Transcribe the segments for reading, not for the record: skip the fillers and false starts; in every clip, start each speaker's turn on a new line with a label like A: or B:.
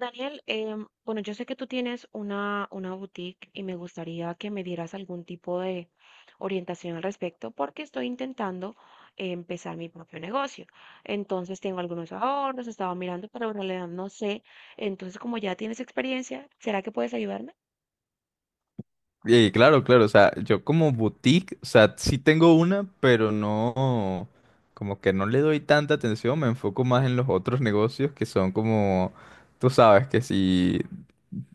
A: Daniel, bueno, yo sé que tú tienes una boutique y me gustaría que me dieras algún tipo de orientación al respecto porque estoy intentando empezar mi propio negocio. Entonces tengo algunos ahorros, estaba mirando, pero en realidad no sé. Entonces, como ya tienes experiencia, ¿será que puedes ayudarme?
B: Y claro, claro, o sea, yo como boutique, o sea, sí tengo una, pero no, como que no le doy tanta atención, me enfoco más en los otros negocios que son como, tú sabes, que si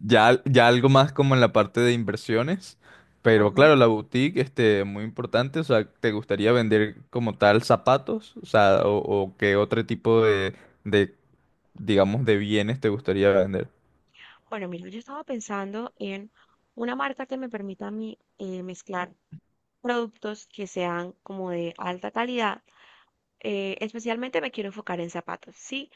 B: ya, ya algo más como en la parte de inversiones, pero
A: Ajá.
B: claro, la boutique, muy importante, o sea, ¿te gustaría vender como tal zapatos? O sea, o qué otro tipo de, digamos, de bienes te gustaría vender?
A: Bueno, mira, yo estaba pensando en una marca que me permita a mí mezclar productos que sean como de alta calidad, especialmente me quiero enfocar en zapatos, sí,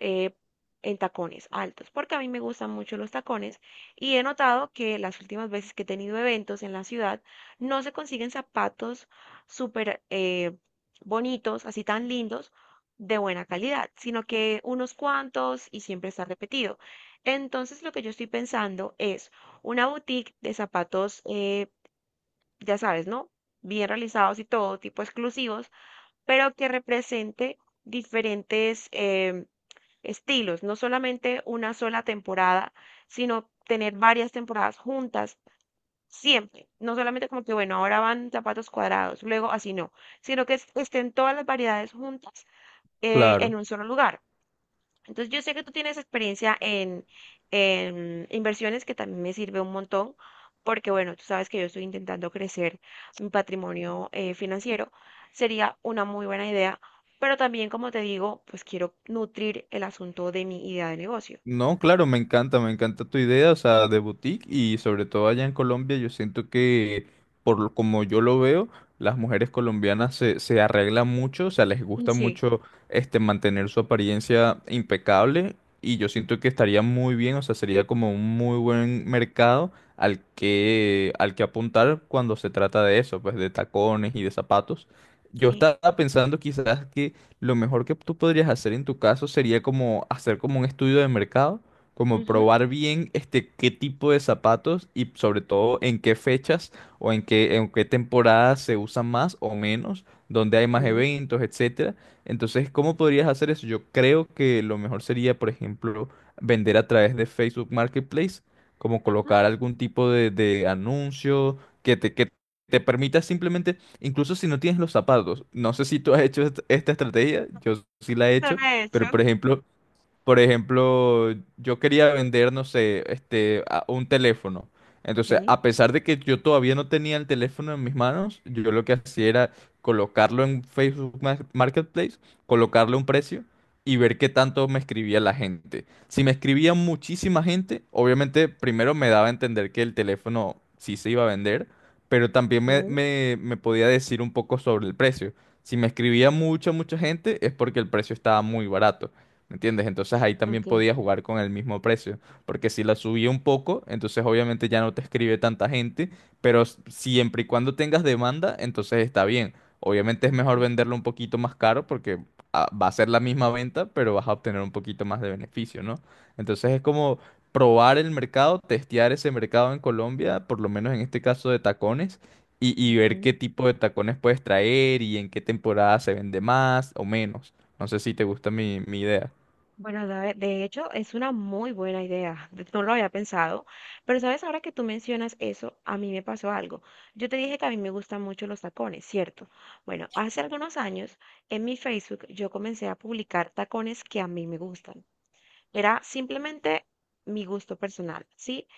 A: eh, en tacones altos, porque a mí me gustan mucho los tacones y he notado que las últimas veces que he tenido eventos en la ciudad no se consiguen zapatos súper bonitos, así tan lindos, de buena calidad, sino que unos cuantos y siempre está repetido. Entonces lo que yo estoy pensando es una boutique de zapatos, ya sabes, ¿no? Bien realizados y todo, tipo exclusivos, pero que represente diferentes estilos, no solamente una sola temporada, sino tener varias temporadas juntas siempre, no solamente como que, bueno, ahora van zapatos cuadrados, luego así no, sino que estén todas las variedades juntas, en
B: Claro.
A: un solo lugar. Entonces, yo sé que tú tienes experiencia en inversiones, que también me sirve un montón, porque bueno, tú sabes que yo estoy intentando crecer mi patrimonio, financiero. Sería una muy buena idea, pero también, como te digo, pues quiero nutrir el asunto de mi idea de negocio.
B: No, claro, me encanta tu idea, o sea, de boutique y sobre todo allá en Colombia, yo siento que, como yo lo veo, las mujeres colombianas se arreglan mucho, o sea, les
A: Mm,
B: gusta
A: sí.
B: mucho mantener su apariencia impecable y yo siento que estaría muy bien, o sea, sería como un muy buen mercado al que apuntar cuando se trata de eso, pues de tacones y de zapatos. Yo
A: Sí.
B: estaba pensando quizás lo mejor que tú podrías hacer en tu caso sería como hacer como un estudio de mercado, como
A: Ujú.
B: probar bien qué tipo de zapatos y sobre todo en qué fechas o en qué temporadas se usan más o menos, dónde hay
A: Ok.
B: más eventos, etcétera. Entonces, ¿cómo podrías hacer eso? Yo creo que lo mejor sería, por ejemplo, vender a través de Facebook Marketplace, como
A: Ujú.
B: colocar algún tipo de anuncio que te permita simplemente. Incluso si no tienes los zapatos, no sé si tú has hecho esta estrategia, yo sí la he hecho,
A: Suena de hecho.
B: pero por ejemplo, yo quería vender, no sé, un teléfono.
A: Ok,
B: Entonces, a pesar de que yo todavía no tenía el teléfono en mis manos, yo lo que hacía era colocarlo en Facebook Marketplace, colocarle un precio y ver qué tanto me escribía la gente. Si me escribía muchísima gente, obviamente primero me daba a entender que el teléfono sí se iba a vender, pero también me,
A: ok,
B: me me podía decir un poco sobre el precio. Si me escribía mucha, mucha gente, es porque el precio estaba muy barato. ¿Me entiendes? Entonces ahí también
A: ok,
B: podía jugar con el mismo precio, porque si la subía un poco, entonces obviamente ya no te escribe tanta gente, pero siempre y cuando tengas demanda, entonces está bien. Obviamente es mejor
A: ok,
B: venderlo un poquito más caro porque ah, va a ser la misma venta, pero vas a obtener un poquito más de beneficio, ¿no? Entonces es como probar el mercado, testear ese mercado en Colombia, por lo menos en este caso de tacones, y ver qué
A: ok.
B: tipo de tacones puedes traer y en qué temporada se vende más o menos. No sé si te gusta mi idea.
A: Bueno, de hecho es una muy buena idea, no lo había pensado, pero sabes, ahora que tú mencionas eso, a mí me pasó algo. Yo te dije que a mí me gustan mucho los tacones, ¿cierto? Bueno, hace algunos años en mi Facebook yo comencé a publicar tacones que a mí me gustan. Era simplemente mi gusto personal, ¿sí?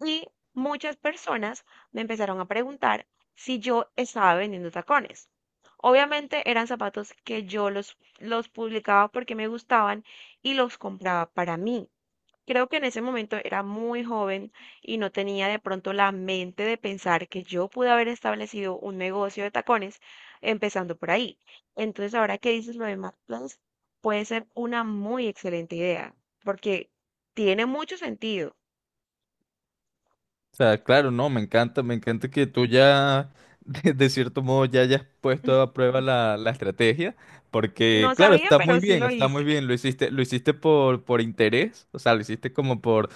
A: Y muchas personas me empezaron a preguntar si yo estaba vendiendo tacones. Obviamente eran zapatos que yo los publicaba porque me gustaban y los compraba para mí. Creo que en ese momento era muy joven y no tenía de pronto la mente de pensar que yo pude haber establecido un negocio de tacones empezando por ahí. Entonces, ahora que dices lo de Marketplace, puede ser una muy excelente idea porque tiene mucho sentido.
B: O sea, claro, no, me encanta que tú ya, de cierto modo, ya hayas puesto a prueba la estrategia,
A: No
B: porque, claro,
A: sabía, pero sí lo
B: está muy
A: hice.
B: bien, lo hiciste por interés, o sea, lo hiciste como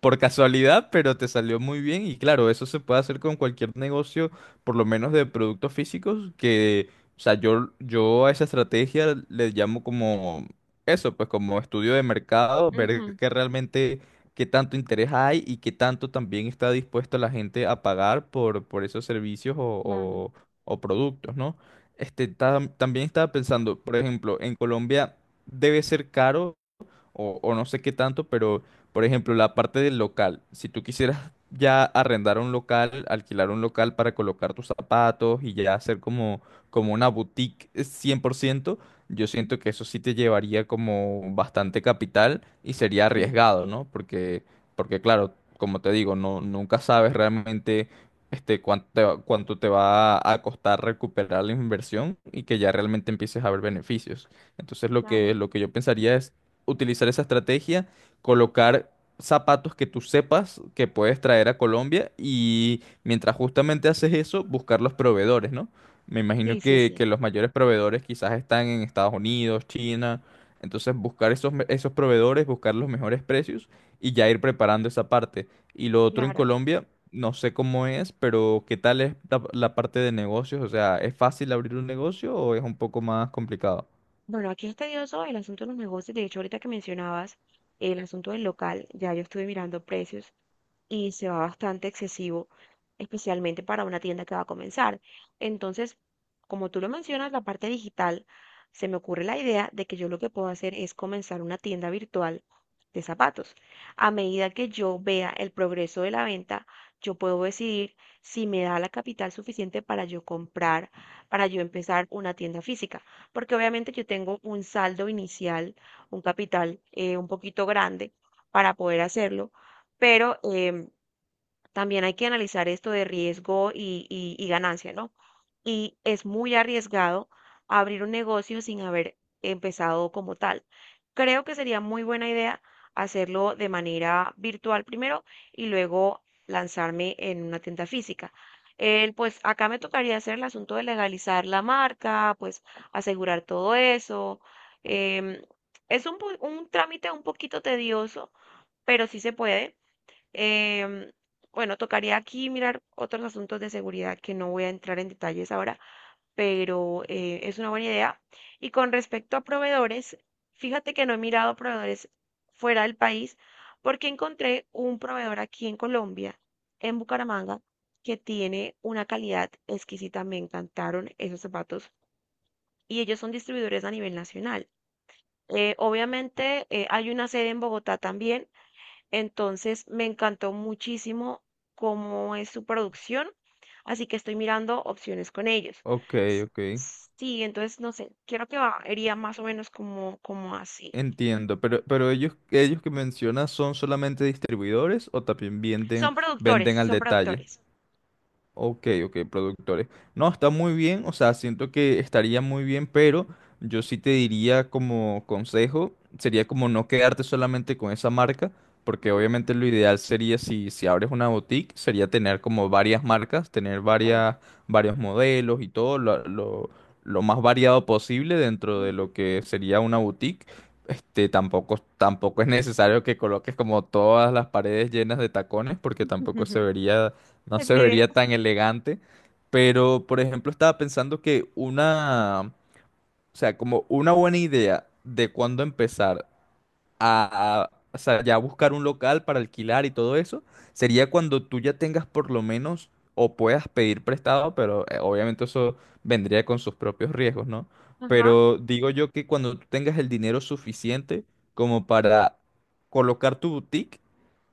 B: por casualidad, pero te salió muy bien y claro, eso se puede hacer con cualquier negocio, por lo menos de productos físicos, que, o sea, yo a esa estrategia le llamo como eso, pues como estudio de mercado, ver
A: Ujú.
B: qué realmente, qué tanto interés hay y qué tanto también está dispuesta la gente a pagar por esos servicios
A: Claro.
B: o productos, ¿no? Este, también estaba pensando, por ejemplo, en Colombia debe ser caro o no sé qué tanto, pero por ejemplo, la parte del local, si tú quisieras ya arrendar un local, alquilar un local para colocar tus zapatos y ya hacer como, como una boutique 100%, yo siento que eso sí te llevaría como bastante capital y sería
A: Sí,
B: arriesgado, ¿no? Porque, porque claro, como te digo, no, nunca sabes realmente cuánto te va a costar recuperar la inversión y que ya realmente empieces a ver beneficios. Entonces lo que,
A: claro.
B: lo que yo pensaría es utilizar esa estrategia, colocar zapatos que tú sepas que puedes traer a Colombia y mientras justamente haces eso, buscar los proveedores, ¿no? Me
A: Sí,
B: imagino
A: sí,
B: que,
A: sí,
B: que los mayores proveedores quizás están en Estados Unidos, China, entonces buscar esos proveedores, buscar los mejores precios y ya ir preparando esa parte. Y lo otro en
A: claro.
B: Colombia, no sé cómo es, pero ¿qué tal es la parte de negocios? O sea, ¿es fácil abrir un negocio o es un poco más complicado?
A: Bueno, aquí es tedioso el asunto de los negocios. De hecho, ahorita que mencionabas el asunto del local, ya yo estuve mirando precios y se va bastante excesivo, especialmente para una tienda que va a comenzar. Entonces, como tú lo mencionas, la parte digital, se me ocurre la idea de que yo lo que puedo hacer es comenzar una tienda virtual de zapatos. A medida que yo vea el progreso de la venta, yo puedo decidir si me da la capital suficiente para yo comprar, para yo empezar una tienda física, porque obviamente yo tengo un saldo inicial, un capital, un poquito grande para poder hacerlo, pero también hay que analizar esto de riesgo y, y ganancia, ¿no? Y es muy arriesgado abrir un negocio sin haber empezado como tal. Creo que sería muy buena idea hacerlo de manera virtual primero y luego lanzarme en una tienda física. El, pues acá me tocaría hacer el asunto de legalizar la marca, pues asegurar todo eso. Em, es un trámite un poquito tedioso, pero sí se puede. Em, bueno, tocaría aquí mirar otros asuntos de seguridad que no voy a entrar en detalles ahora, pero es una buena idea. Y con respecto a proveedores, fíjate que no he mirado proveedores fuera del país porque encontré un proveedor aquí en Colombia, en Bucaramanga, que tiene una calidad exquisita. Me encantaron esos zapatos y ellos son distribuidores a nivel nacional. Obviamente hay una sede en Bogotá también, entonces me encantó muchísimo cómo es su producción, así que estoy mirando opciones con ellos.
B: Ok,
A: S-
B: ok.
A: sí, entonces no sé, quiero que iría más o menos como, como así.
B: Entiendo, pero ellos que mencionas son solamente distribuidores o también
A: Son productores,
B: venden al
A: son
B: detalle.
A: productores.
B: Ok, ok, productores. No, está muy bien, o sea, siento que estaría muy bien, pero yo sí te diría como consejo, sería como no quedarte solamente con esa marca, porque
A: Ujú.
B: obviamente lo ideal sería si abres una boutique, sería tener como varias marcas, tener
A: Bueno,
B: varios modelos y todo, lo más variado posible dentro de
A: ujú.
B: lo que sería una boutique. Este, tampoco es necesario que coloques como todas las paredes llenas de tacones, porque tampoco se vería no
A: Es
B: se
A: mi idea.
B: vería tan elegante. Pero, por ejemplo, estaba pensando que una, o sea, como una buena idea de cuándo empezar a, o sea, ya buscar un local para alquilar y todo eso, sería cuando tú ya tengas por lo menos o puedas pedir prestado, pero obviamente eso vendría con sus propios riesgos, ¿no?
A: Ajá,
B: Pero digo yo que cuando tú tengas el dinero suficiente como para colocar tu boutique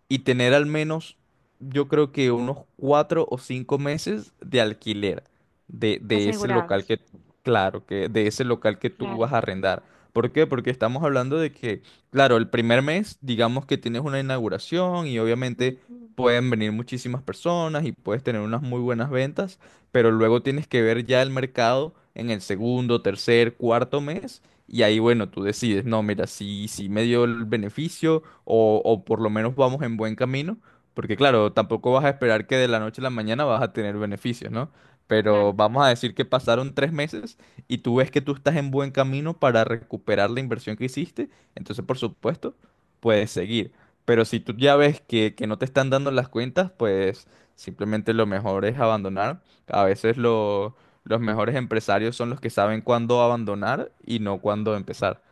B: y tener al menos, yo creo que unos 4 o 5 meses de alquiler de ese local
A: asegurados,
B: que, claro, que de ese local que tú vas
A: claro,
B: a arrendar. ¿Por qué? Porque estamos hablando de que, claro, el primer mes, digamos que tienes una inauguración y obviamente
A: ujú,
B: pueden venir muchísimas personas y puedes tener unas muy buenas ventas, pero luego tienes que ver ya el mercado en el segundo, tercer, cuarto mes y ahí, bueno, tú decides, no, mira, si me dio el beneficio o por lo menos vamos en buen camino, porque claro, tampoco vas a esperar que de la noche a la mañana vas a tener beneficios, ¿no? Pero
A: claro.
B: vamos a decir que pasaron 3 meses y tú ves que tú estás en buen camino para recuperar la inversión que hiciste, entonces por supuesto puedes seguir. Pero si tú ya ves que no te están dando las cuentas, pues simplemente lo mejor es abandonar. A veces lo los mejores empresarios son los que saben cuándo abandonar y no cuándo empezar.